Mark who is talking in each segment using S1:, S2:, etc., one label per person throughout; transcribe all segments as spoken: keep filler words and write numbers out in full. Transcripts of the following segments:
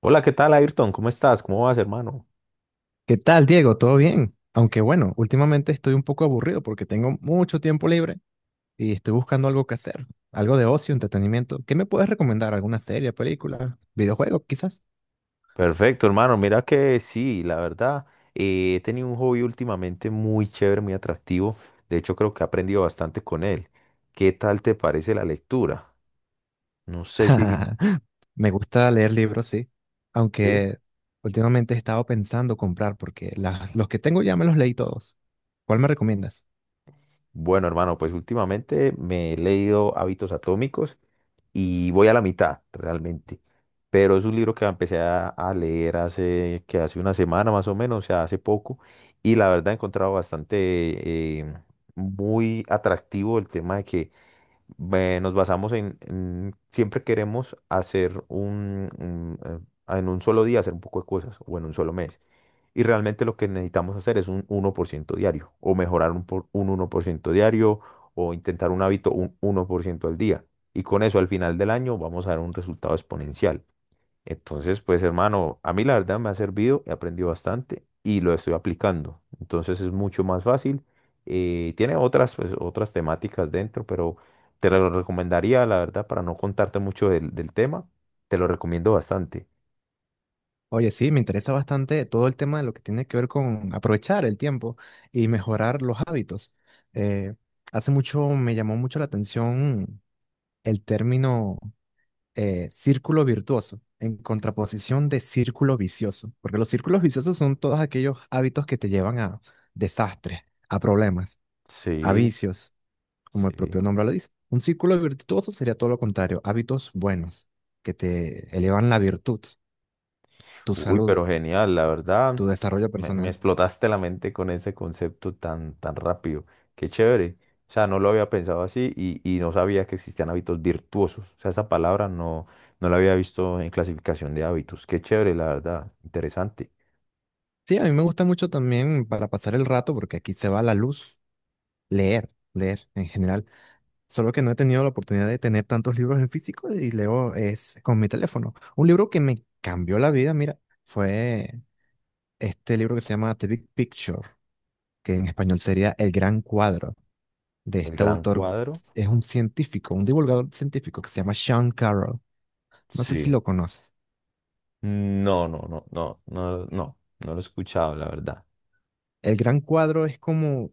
S1: Hola, ¿qué tal, Ayrton? ¿Cómo estás? ¿Cómo vas, hermano?
S2: ¿Qué tal, Diego? ¿Todo bien? Aunque bueno, últimamente estoy un poco aburrido porque tengo mucho tiempo libre y estoy buscando algo que hacer, algo de ocio, entretenimiento. ¿Qué me puedes recomendar? ¿Alguna serie, película, videojuego, quizás?
S1: Perfecto, hermano. Mira que sí, la verdad, eh, he tenido un hobby últimamente muy chévere, muy atractivo. De hecho, creo que he aprendido bastante con él. ¿Qué tal te parece la lectura? No sé si...
S2: Me gusta leer libros, sí,
S1: ¿sí?
S2: aunque últimamente he estado pensando comprar porque la- los que tengo ya me los leí todos. ¿Cuál me recomiendas?
S1: Bueno, hermano, pues últimamente me he leído Hábitos Atómicos y voy a la mitad realmente. Pero es un libro que empecé a, a leer hace, que hace una semana más o menos, o sea, hace poco. Y la verdad he encontrado bastante eh, muy atractivo el tema de que ve- nos basamos en, en- siempre queremos hacer un, un, eh, en un solo día hacer un poco de cosas o en un solo mes. Y realmente lo que necesitamos hacer es un uno por ciento diario o mejorar un, por- un uno por ciento diario o intentar un hábito un uno por ciento al día. Y con eso al final del año vamos a dar un resultado exponencial. Entonces, pues hermano, a mí la verdad me ha servido, he aprendido bastante y lo estoy aplicando. Entonces es mucho más fácil. Eh, tiene otras, pues, otras temáticas dentro, pero te lo recomendaría, la verdad, para no contarte mucho del, del tema, te lo recomiendo bastante.
S2: Oye, sí, me interesa bastante todo el tema de lo que tiene que ver con aprovechar el tiempo y mejorar los hábitos. Eh, hace mucho me llamó mucho la atención el término eh, círculo virtuoso en contraposición de círculo vicioso, porque los círculos viciosos son todos aquellos hábitos que te llevan a desastres, a problemas, a
S1: Sí,
S2: vicios, como el
S1: sí.
S2: propio nombre lo dice. Un círculo virtuoso sería todo lo contrario, hábitos buenos que te elevan la virtud, tu
S1: Uy,
S2: salud,
S1: pero genial, la verdad,
S2: tu desarrollo
S1: me, me
S2: personal.
S1: explotaste la mente con ese concepto tan, tan rápido. Qué chévere. O sea, no lo había pensado así y, y no sabía que existían hábitos virtuosos. O sea, esa palabra no, no la había visto en clasificación de hábitos. Qué chévere, la verdad. Interesante.
S2: Sí, a mí me gusta mucho también para pasar el rato, porque aquí se va la luz, leer, leer en general. Solo que no he tenido la oportunidad de tener tantos libros en físico y leo es con mi teléfono. Un libro que me cambió la vida, mira, fue este libro que se llama The Big Picture, que en español sería El Gran Cuadro, de
S1: El
S2: este
S1: gran
S2: autor.
S1: cuadro.
S2: Es un científico, un divulgador científico que se llama Sean Carroll. No sé si
S1: Sí.
S2: lo conoces.
S1: No, no, no, no, no, no, no lo he escuchado, la verdad.
S2: El Gran Cuadro es como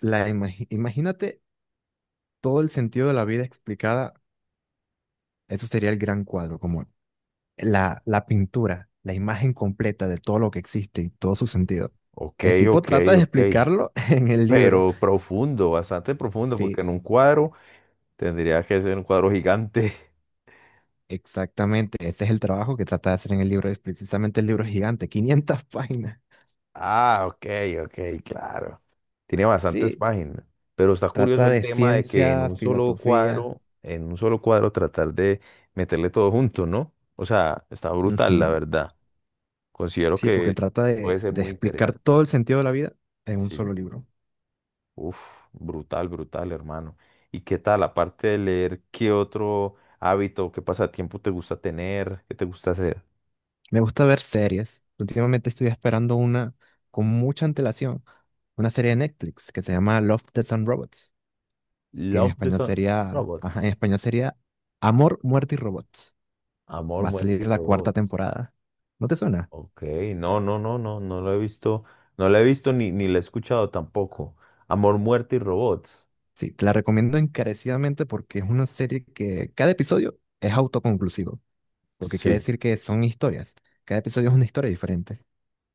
S2: la, imagi- imagínate todo el sentido de la vida explicada. Eso sería el gran cuadro, como la, la pintura, la imagen completa de todo lo que existe y todo su sentido.
S1: Ok,
S2: El tipo
S1: ok,
S2: trata de
S1: ok.
S2: explicarlo en el libro.
S1: Pero profundo, bastante profundo, porque
S2: Sí,
S1: en un cuadro tendría que ser un cuadro gigante.
S2: exactamente. Ese es el trabajo que trata de hacer en el libro. Es precisamente el libro es gigante, quinientas páginas.
S1: Ah, ok, ok, claro. Tiene bastantes
S2: Sí,
S1: páginas, pero está curioso
S2: trata
S1: el
S2: de
S1: tema de que en
S2: ciencia,
S1: un solo
S2: filosofía.
S1: cuadro, en un solo cuadro tratar de meterle todo junto, ¿no? O sea, está brutal, la
S2: Ujú.
S1: verdad. Considero
S2: Sí, porque
S1: que
S2: él trata
S1: puede
S2: de,
S1: ser
S2: de
S1: muy
S2: explicar
S1: interesante.
S2: todo el sentido de la vida en un
S1: Sí.
S2: solo libro.
S1: Uf, brutal, brutal, hermano. ¿Y qué tal, aparte de leer, qué otro hábito, qué pasatiempo te gusta tener, qué te gusta hacer?
S2: Me gusta ver series. Últimamente estoy esperando una con mucha antelación, una serie de Netflix que se llama Love, Death and Robots, que en
S1: Love the
S2: español
S1: Sun,
S2: sería, ajá,
S1: Robots.
S2: en español sería Amor, Muerte y Robots.
S1: Amor,
S2: Va a
S1: muerte y
S2: salir la cuarta
S1: robots.
S2: temporada. ¿No te suena?
S1: Ok, no, no, no, no, no lo he visto, no la he visto ni, ni la he escuchado tampoco. Amor, muerte y robots.
S2: Sí, te la recomiendo encarecidamente porque es una serie que cada episodio es autoconclusivo, lo que quiere
S1: Sí,
S2: decir que son historias. Cada episodio es una historia diferente.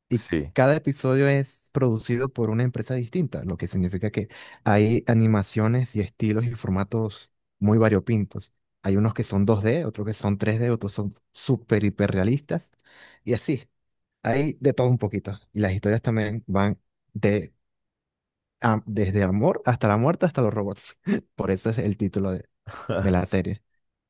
S2: Y
S1: sí.
S2: cada episodio es producido por una empresa distinta, lo que significa que hay animaciones y estilos y formatos muy variopintos. Hay unos que son dos D, otros que son tres D, otros son súper hiperrealistas y así. Hay de todo un poquito. Y las historias también van de, a- desde amor hasta la muerte hasta los robots. Por eso es el título de, de la serie.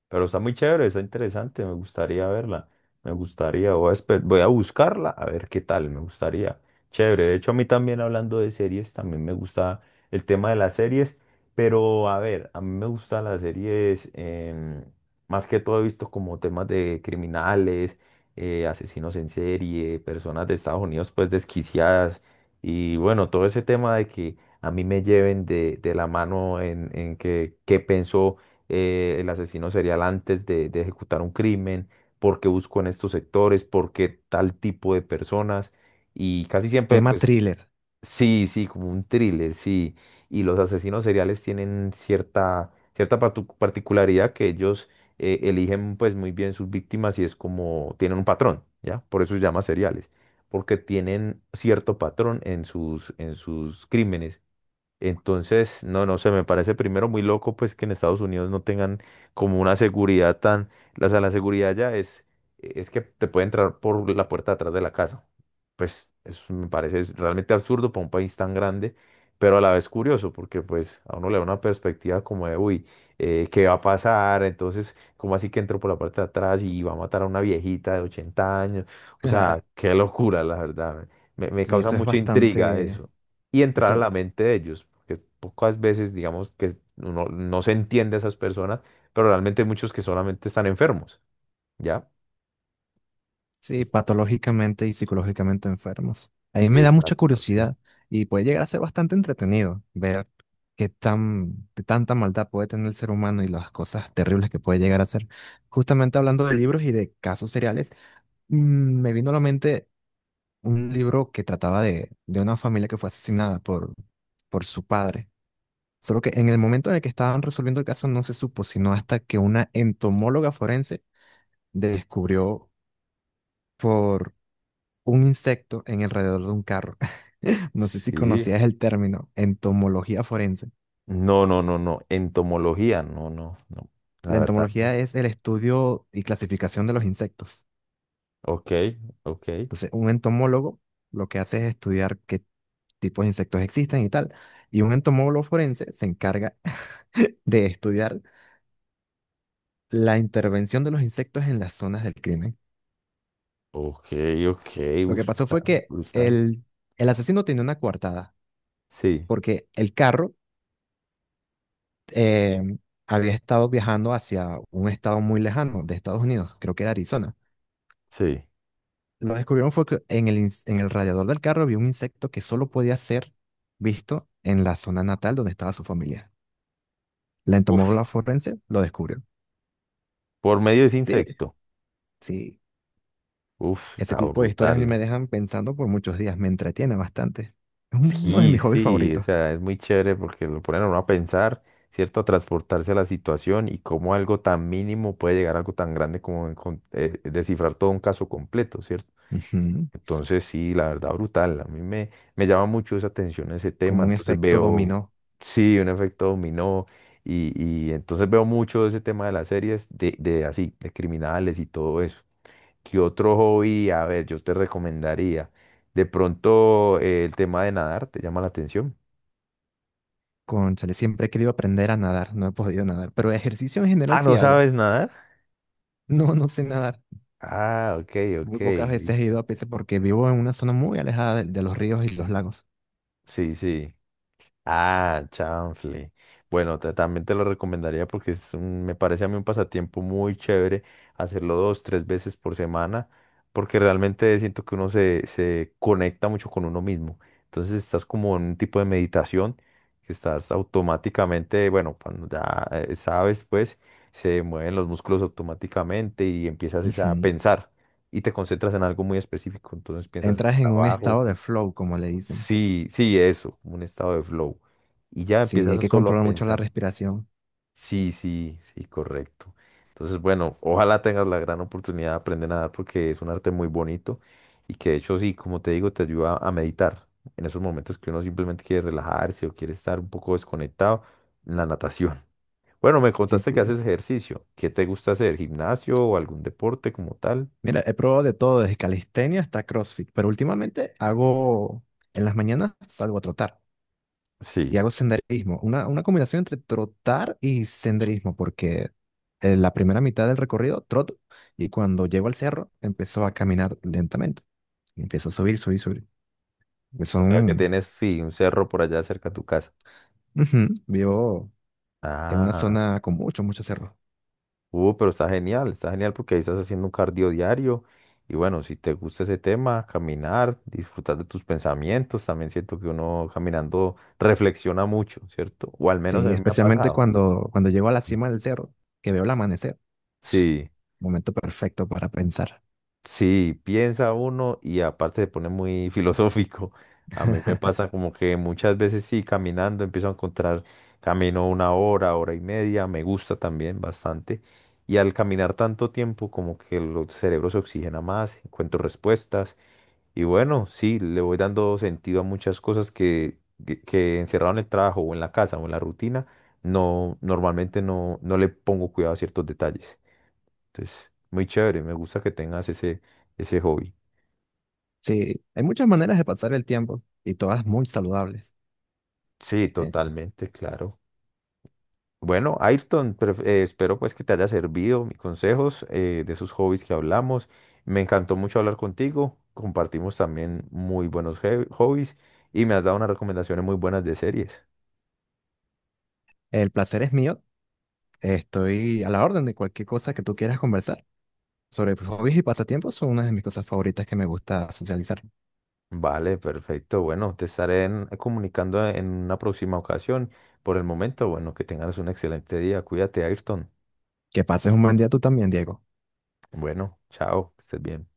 S1: Pero está muy chévere, está interesante, me gustaría verla. Me gustaría, voy a, espe- voy a buscarla a ver qué tal, me gustaría. Chévere, de hecho a mí también hablando de series, también me gusta el tema de las series, pero a ver, a mí me gustan las series, em, más que todo he visto como temas de criminales, eh, asesinos en serie, personas de Estados Unidos pues desquiciadas y bueno, todo ese tema de que a mí me lleven de, de la mano en, en que qué pensó eh, el asesino serial antes de, de ejecutar un crimen, por qué busco en estos sectores, por qué tal tipo de personas. Y casi siempre,
S2: Tema
S1: pues,
S2: thriller.
S1: sí, sí, como un thriller, sí. Y los asesinos seriales tienen cierta, cierta partu- particularidad que ellos eh, eligen pues muy bien sus víctimas y es como tienen un patrón, ¿ya? Por eso se llama seriales, porque tienen cierto patrón en sus, en sus crímenes. Entonces, no, no sé, me parece primero muy loco pues que en Estados Unidos no tengan como una seguridad tan, o sea, la seguridad ya es, es que te puede entrar por la puerta de atrás de la casa. Pues eso me parece es realmente absurdo para un país tan grande, pero a la vez curioso porque pues a uno le da una perspectiva como de, uy, eh, ¿qué va a pasar? Entonces, ¿cómo así que entró por la parte de atrás y va a matar a una viejita de ochenta años? O sea, qué locura, la verdad. Me, me
S2: Sí,
S1: causa
S2: eso es
S1: mucha intriga
S2: bastante.
S1: eso y entrar a
S2: Eso
S1: la mente de ellos, porque pocas veces, digamos, que uno no se entiende a esas personas, pero realmente hay muchos que solamente están enfermos, ¿ya? Y-
S2: Sí, patológicamente y psicológicamente enfermos. A mí me da mucha
S1: Exacto, sí.
S2: curiosidad y puede llegar a ser bastante entretenido ver qué tan, qué tanta maldad puede tener el ser humano y las cosas terribles que puede llegar a ser. Justamente hablando de libros y de casos seriales, mm, me vino a la mente un libro que trataba de, de una familia que fue asesinada por, por su padre. Solo que en el momento en el que estaban resolviendo el caso no se supo, sino hasta que una entomóloga forense descubrió un insecto en alrededor de un carro. No sé si
S1: Sí.
S2: conocías el término entomología forense.
S1: No, no, no, no. Entomología, no, no, no. La
S2: La
S1: verdad, no.
S2: entomología es el estudio y clasificación de los insectos.
S1: Ok, ok,
S2: Entonces, un entomólogo lo que hace es estudiar qué tipos de insectos existen y tal. Y un entomólogo forense se encarga de estudiar la intervención de los insectos en las zonas del crimen.
S1: ok, ok.
S2: Lo
S1: Uf,
S2: que pasó
S1: está
S2: fue que
S1: brutal.
S2: el, el asesino tenía una coartada,
S1: Sí,
S2: porque el carro eh, había estado viajando hacia un estado muy lejano de Estados Unidos, creo que era Arizona.
S1: sí.
S2: Lo que descubrieron fue que en el, ins- en el radiador del carro había un insecto que solo podía ser visto en la zona natal donde estaba su familia. La
S1: Uf,
S2: entomóloga forense lo descubrió.
S1: por medio de ese
S2: Sí,
S1: insecto.
S2: sí.
S1: Uf,
S2: Ese
S1: está
S2: tipo de historias a
S1: brutal.
S2: mí me dejan pensando por muchos días, me entretiene bastante. Es un- uno de
S1: Sí,
S2: mis hobbies
S1: sí, o
S2: favoritos.
S1: sea, es muy chévere porque lo ponen a uno a pensar, ¿cierto? A transportarse a la situación y cómo algo tan mínimo puede llegar a algo tan grande como encon- eh, descifrar todo un caso completo, ¿cierto?
S2: Ujú.
S1: Entonces, sí, la verdad, brutal. A mí me, me llama mucho esa atención ese tema.
S2: Como un
S1: Entonces
S2: efecto
S1: veo,
S2: dominó.
S1: sí, un efecto dominó y, y entonces veo mucho ese tema de las series de, de así, de criminales y todo eso. ¿Qué otro hobby? A ver, yo te recomendaría. De pronto, eh, el tema de nadar, ¿te llama la atención?
S2: Cónchale, siempre he querido aprender a nadar, no he podido nadar, pero ejercicio en general
S1: Ah,
S2: sí
S1: ¿no
S2: hago.
S1: sabes nadar?
S2: No, no sé nadar.
S1: Ah, ok, ok,
S2: Muy pocas veces he
S1: listo.
S2: ido a Pisa porque vivo en una zona muy alejada de, de los ríos y los lagos.
S1: Sí, sí. Ah, chanfle. Bueno, te- también te lo recomendaría porque es un- me parece a mí un pasatiempo muy chévere hacerlo dos, tres veces por semana, porque realmente siento que uno se, se conecta mucho con uno mismo. Entonces estás como en un tipo de meditación que estás automáticamente, bueno, cuando ya eh, sabes, pues se mueven los músculos automáticamente y empiezas es a
S2: Ujú.
S1: pensar y te concentras en algo muy específico. Entonces piensas en
S2: Entras en un
S1: trabajo.
S2: estado de flow, como le dicen.
S1: Sí, sí, eso, como un estado de flow. Y ya
S2: Sí,
S1: empiezas
S2: hay
S1: a
S2: que
S1: solo a
S2: controlar mucho la
S1: pensar.
S2: respiración.
S1: Sí, sí, sí, correcto. Entonces, bueno, ojalá tengas la gran oportunidad de aprender a nadar porque es un arte muy bonito y que de hecho, sí, como te digo, te ayuda a meditar. En esos momentos que uno simplemente quiere relajarse o quiere estar un poco desconectado, la natación. Bueno, me
S2: Sí,
S1: contaste que
S2: sí.
S1: haces ejercicio. ¿Qué te gusta hacer? ¿Gimnasio o algún deporte como tal?
S2: Mira, he probado de todo, desde calistenia hasta CrossFit, pero últimamente hago, en las mañanas salgo a trotar y
S1: Sí.
S2: hago senderismo. Una, una combinación entre trotar y senderismo, porque en la primera mitad del recorrido troto y cuando llego al cerro empiezo a caminar lentamente. Y empiezo a subir, subir, subir. Que
S1: O sea, que
S2: Son.
S1: tienes, sí, un cerro por allá cerca de tu casa.
S2: Ujú. Vivo en una
S1: Ah.
S2: zona con muchos, muchos cerros.
S1: Uh, pero está genial, está genial porque ahí estás haciendo un cardio diario. Y bueno, si te gusta ese tema, caminar, disfrutar de tus pensamientos, también siento que uno caminando reflexiona mucho, ¿cierto? O al menos a
S2: Sí,
S1: mí me ha
S2: especialmente
S1: pasado.
S2: cuando, cuando llego a la
S1: Sí.
S2: cima del cerro, que veo el amanecer.
S1: Sí.
S2: Momento perfecto para pensar.
S1: Sí, piensa uno y aparte se pone muy filosófico. A mí me pasa como que muchas veces sí, caminando empiezo a encontrar camino una hora, hora y media, me gusta también bastante. Y al caminar tanto tiempo como que el cerebro se oxigena más, encuentro respuestas. Y bueno, sí, le voy dando sentido a muchas cosas que, que, que encerrado en el trabajo o en la casa o en la rutina, no, normalmente no, no le pongo cuidado a ciertos detalles. Entonces, muy chévere, me gusta que tengas ese, ese hobby.
S2: Sí, hay muchas maneras de pasar el tiempo y todas muy saludables.
S1: Sí,
S2: Eh,
S1: totalmente, claro. Bueno, Ayrton, pref- eh, espero pues que te haya servido mis consejos eh, de esos hobbies que hablamos. Me encantó mucho hablar contigo. Compartimos también muy buenos he- hobbies y me has dado unas recomendaciones muy buenas de series.
S2: el placer es mío. Estoy a la orden de cualquier cosa que tú quieras conversar. Sobre hobbies y pasatiempos son una de mis cosas favoritas que me gusta socializar.
S1: Vale, perfecto. Bueno, te estaré en- comunicando en una próxima ocasión. Por el momento, bueno, que tengas un excelente día. Cuídate, Ayrton.
S2: Que pases un buen día tú también, Diego.
S1: Bueno, chao, que estés bien.